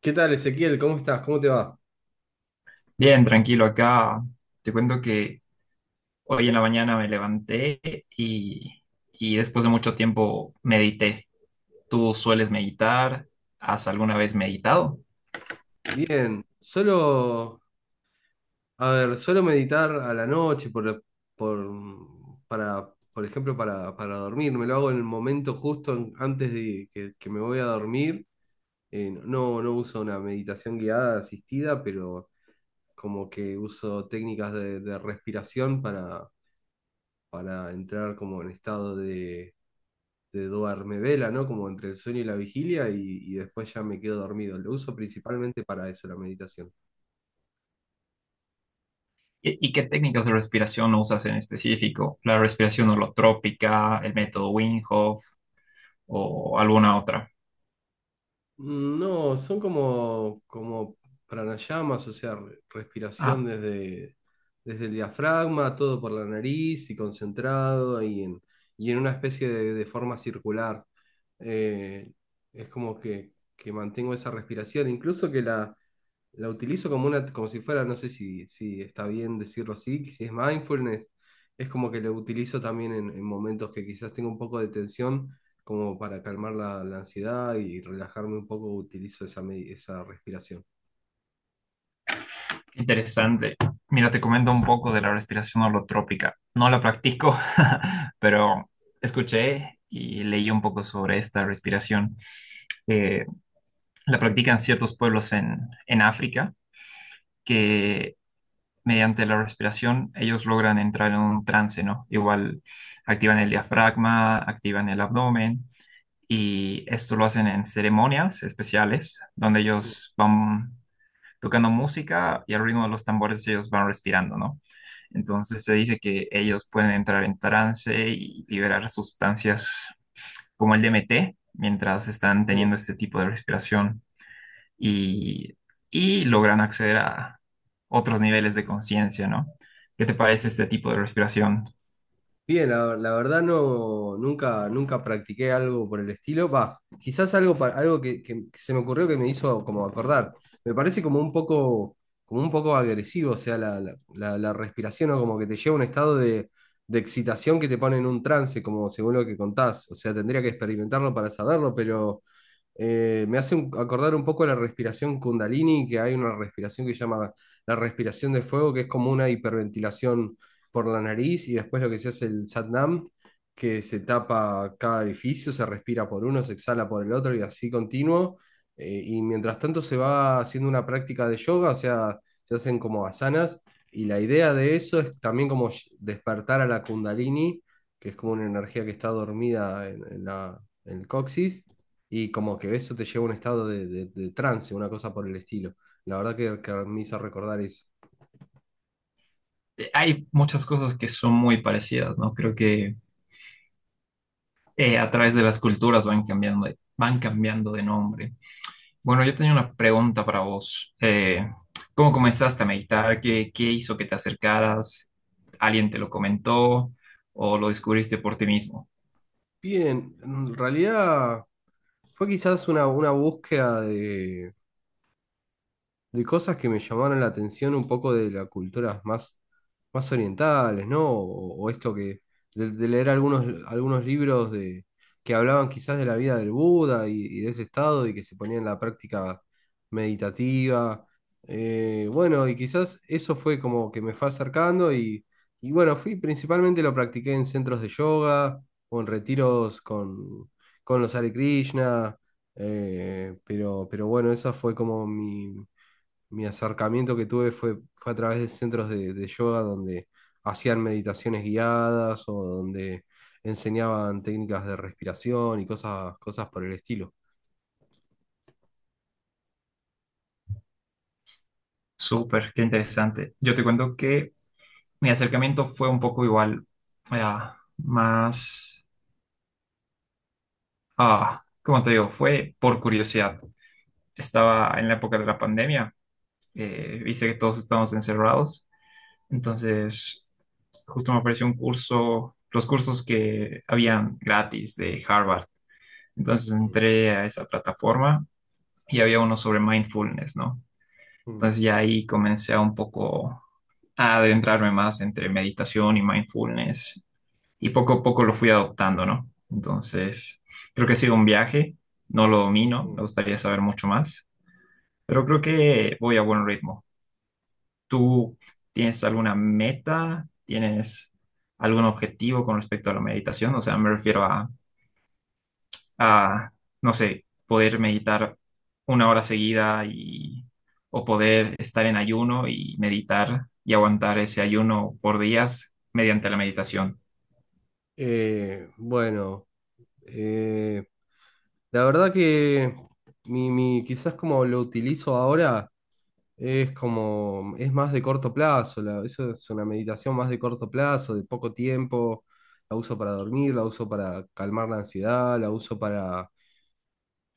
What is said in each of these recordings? ¿Qué tal, Ezequiel? ¿Cómo estás? ¿Cómo te va? Bien, tranquilo, acá te cuento que hoy en la mañana me levanté y, y después de mucho tiempo medité. ¿Tú sueles meditar? ¿Has alguna vez meditado? Bien, solo, a ver, solo meditar a la noche por, para, para dormir. Me lo hago en el momento justo antes de que me voy a dormir. No, no uso una meditación guiada, asistida, pero como que uso técnicas de respiración para entrar como en estado de duerme vela, ¿no? Como entre el sueño y la vigilia y después ya me quedo dormido. Lo uso principalmente para eso, la meditación. ¿Y qué técnicas de respiración usas en específico? ¿La respiración holotrópica, el método Wim Hof o alguna otra? Mm, no, son como pranayamas, o sea, respiración Ah, desde el diafragma, todo por la nariz y concentrado y en una especie de forma circular. Eh, es como que mantengo esa respiración, incluso que la utilizo como una, como si fuera, no sé si está bien decirlo así, que si es mindfulness, es como que lo utilizo también en momentos que quizás tengo un poco de tensión, como para calmar la ansiedad y relajarme un poco, utilizo esa, esa respiración. interesante. Mira, te comento un poco de la respiración holotrópica. No la practico, pero escuché y leí un poco sobre esta respiración. Eh, la practican ciertos pueblos en África que mediante la respiración ellos logran entrar en un trance, ¿no? Igual activan el diafragma, activan el abdomen y esto lo hacen en ceremonias especiales donde Mm, ellos van tocando música y al ritmo de los tambores ellos van respirando, ¿no? Entonces se dice que ellos pueden entrar en trance y liberar sustancias como el DMT mientras están sí. teniendo este tipo de respiración y, y logran acceder a otros niveles de conciencia, ¿no? ¿Qué te parece este tipo de respiración? Bien, la verdad no, nunca practiqué algo por el estilo. Va, quizás algo, que se me ocurrió que me hizo como acordar. Me parece como un poco agresivo, o sea, la respiración o como que te lleva a un estado de excitación que te pone en un trance, como según lo que contás. O sea, tendría que experimentarlo para saberlo, pero me hace acordar un poco la respiración Kundalini, que hay una respiración que se llama la respiración de fuego, que es como una hiperventilación por la nariz, y después lo que se hace el Satnam, que se tapa cada orificio, se respira por uno, se exhala por el otro, y así continuo. Y mientras tanto se va haciendo una práctica de yoga, o sea, se hacen como asanas, y la idea de eso es también como despertar a la Kundalini, que es como una energía que está dormida en la, en el coxis y como que eso te lleva a un estado de, de trance, una cosa por el estilo. La verdad que me hizo recordar eso. Hay muchas cosas que son muy parecidas, ¿no? Creo que a través de las culturas van cambiando, van cambiando de nombre. Bueno, yo tenía una pregunta para vos. ¿Cómo comenzaste a meditar? ¿Qué hizo que te acercaras? ¿Alguien te lo comentó o lo descubriste por ti mismo? Bien, en realidad fue quizás una búsqueda de cosas que me llamaron la atención un poco de las culturas más, más orientales, ¿no? O esto que de leer algunos, algunos libros de, que hablaban quizás de la vida del Buda y de ese estado y que se ponía en la práctica meditativa. Bueno, y quizás eso fue como que me fue acercando y bueno, fui principalmente lo practiqué en centros de yoga o en retiros con los Hare Krishna. Pero bueno, esa fue como mi acercamiento que tuve fue, fue a través de centros de yoga donde hacían meditaciones guiadas o donde enseñaban técnicas de respiración y cosas, cosas por el estilo. Súper, qué interesante. Yo te cuento que mi acercamiento fue un poco igual, más, ¿cómo te digo? Fue por curiosidad. Estaba en la época de la pandemia, viste que todos estábamos encerrados, entonces justo me apareció un curso, los cursos que habían gratis de Harvard. Entonces Mm, entré a esa plataforma y había uno sobre mindfulness, ¿no? mm, Entonces ya ahí comencé a un poco a adentrarme más entre meditación y mindfulness y poco a poco lo fui adoptando, ¿no? Entonces creo que ha sido un viaje, no lo domino, me mm. gustaría saber mucho más, pero creo que voy a buen ritmo. ¿Tú tienes alguna meta? ¿Tienes algún objetivo con respecto a la meditación? O sea, me refiero a, no sé, poder meditar una hora seguida o poder estar en ayuno y meditar y aguantar ese ayuno por días mediante la meditación. Bueno, eh, la verdad que quizás como lo utilizo ahora es como, es más de corto plazo, eso es una meditación más de corto plazo, de poco tiempo, la uso para dormir, la uso para calmar la ansiedad, la uso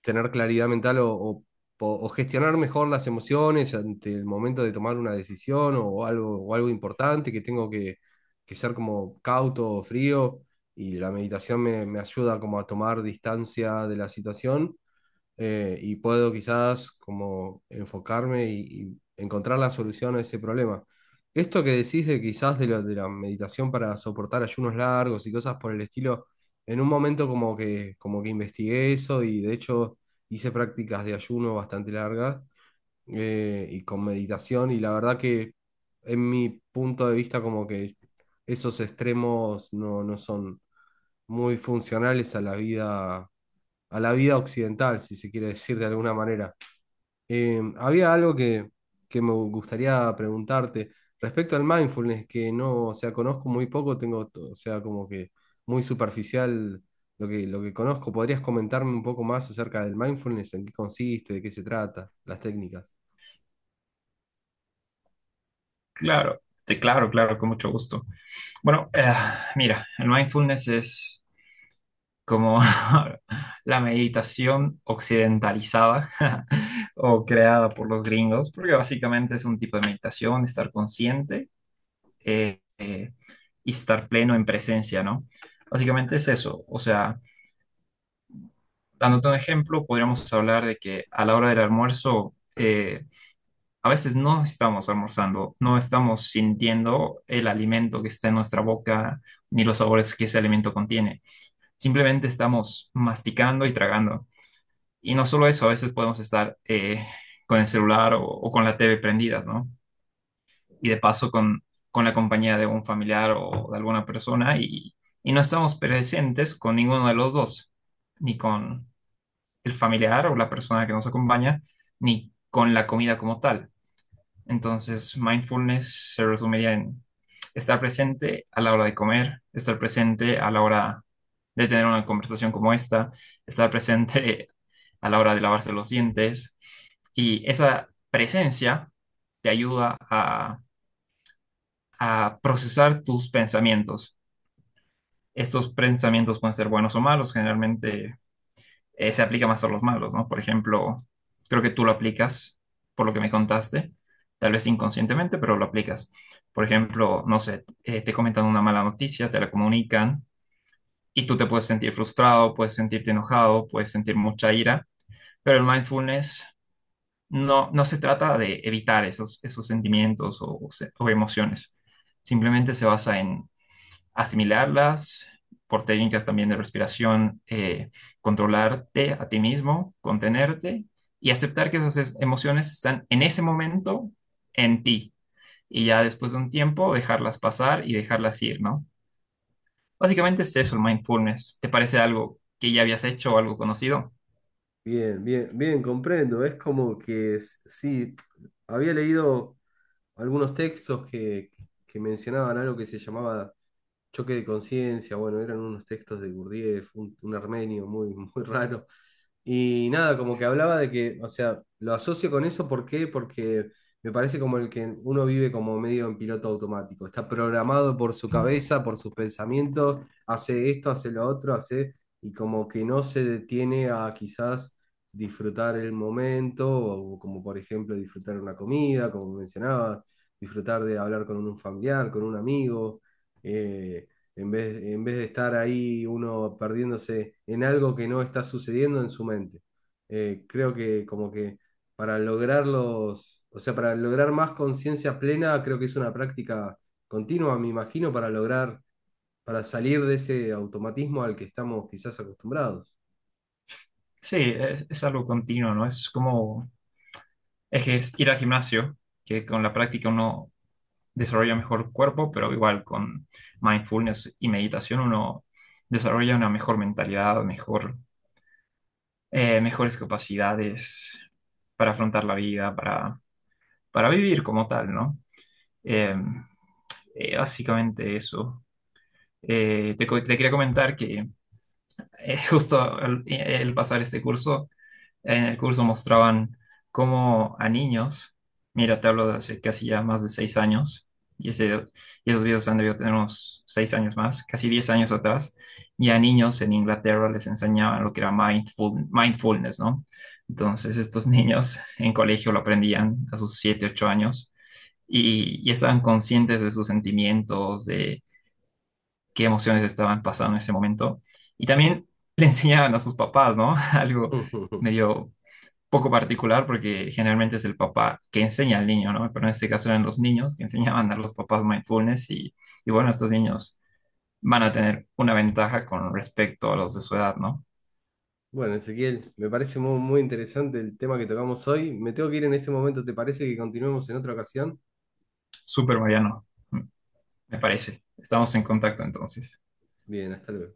tener claridad mental gestionar mejor las emociones ante el momento de tomar una decisión o algo importante que tengo que ser como cauto o frío y la meditación me ayuda como a tomar distancia de la situación y puedo quizás como enfocarme y encontrar la solución a ese problema. Esto que decís de quizás de, de la meditación para soportar ayunos largos y cosas por el estilo, en un momento como como que investigué eso y de hecho hice prácticas de ayuno bastante largas y con meditación y la verdad que en mi punto de vista como que esos extremos no, no son muy funcionales a la vida occidental, si se quiere decir de alguna manera. Había algo que me gustaría preguntarte respecto al mindfulness, que no, o sea, conozco muy poco, o sea, como que muy superficial lo lo que conozco. ¿Podrías comentarme un poco más acerca del mindfulness, en qué consiste, de qué se trata, las técnicas? Claro, claro, claro, con mucho gusto. Bueno, mira, el mindfulness es como la meditación occidentalizada o creada por los gringos, porque básicamente es un tipo de meditación, estar consciente eh, eh, y estar pleno en presencia, ¿no? Básicamente es eso. O sea, dándote un ejemplo, podríamos hablar de que a la hora del almuerzo, a veces no estamos almorzando, no estamos sintiendo el alimento que está en nuestra boca, ni los sabores que ese alimento contiene. Simplemente estamos masticando y tragando. Y no solo eso, a veces podemos estar con el celular o con la TV prendidas, ¿no? Y de paso con la compañía de un familiar o de alguna persona y no estamos presentes con ninguno de los dos, ni con el familiar o la persona que nos acompaña, ni con la comida como tal. Entonces, mindfulness se resumiría en estar presente a la hora de comer, estar presente a la hora de tener una conversación como esta, estar presente a la hora de lavarse los dientes y esa presencia te ayuda a procesar tus pensamientos. Estos pensamientos pueden ser buenos o malos, generalmente se aplica más a los malos, ¿no? Por ejemplo, creo que tú lo aplicas, por lo que me contaste, tal vez inconscientemente, pero lo aplicas. Por ejemplo, no sé, te comentan una mala noticia, te la comunican y tú te puedes sentir frustrado, puedes sentirte enojado, puedes sentir mucha ira, pero el mindfulness no se trata de evitar esos sentimientos o o emociones. Simplemente se basa en asimilarlas por técnicas también de respiración, controlarte a ti mismo, contenerte y aceptar que emociones están en ese momento en ti. Y ya después de un tiempo dejarlas pasar y dejarlas ir, ¿no? Básicamente es eso el mindfulness. ¿Te parece algo que ya habías hecho o algo conocido? Bien, bien, bien, comprendo. Es como que sí, había leído algunos textos que mencionaban algo que se llamaba Choque de conciencia, bueno, eran unos textos de Gurdjieff, un armenio muy, muy raro. Y nada, como que hablaba de que, o sea, lo asocio con eso, ¿por qué? Porque me parece como el que uno vive como medio en piloto automático, está programado por su cabeza, por sus pensamientos, hace esto, hace lo otro, hace, y como que no se detiene a quizás disfrutar el momento, o como por ejemplo disfrutar una comida, como mencionabas, disfrutar de hablar con un familiar, con un amigo eh, en vez de estar ahí uno perdiéndose en algo que no está sucediendo en su mente. Creo que como que para lograr los, o sea, para lograr más conciencia plena, creo que es una práctica continua, me imagino, para lograr, para salir de ese automatismo al que estamos quizás acostumbrados. Sí, es algo continuo, ¿no? Es como ir al gimnasio, que con la práctica uno desarrolla mejor el cuerpo, pero igual con mindfulness y meditación uno desarrolla una mejor mentalidad, mejor, mejores capacidades para afrontar la vida, para vivir como tal, ¿no? Eh, Básicamente eso. Te quería comentar que justo el pasar este curso, en el curso mostraban cómo a niños, mira, te hablo de hace casi ya más de 6 años, y, ese- y esos videos han debido tener unos 6 años más, casi 10 años atrás, y a niños en Inglaterra les enseñaban lo que era mindfulness, ¿no? Entonces estos niños en colegio lo aprendían a sus siete, 8 años, y estaban conscientes de sus sentimientos, de qué emociones estaban pasando en ese momento, y también le enseñaban a sus papás, ¿no? Algo medio poco particular porque generalmente es el papá que enseña al niño, ¿no? Pero en este caso eran los niños que enseñaban a los papás mindfulness y bueno, estos niños van a tener una ventaja con respecto a los de su edad, ¿no? Bueno, Ezequiel, me parece muy, muy interesante el tema que tocamos hoy. Me tengo que ir en este momento, ¿te parece que continuemos en otra ocasión? Súper Mariano, me parece. Estamos en contacto entonces. Bien, hasta luego.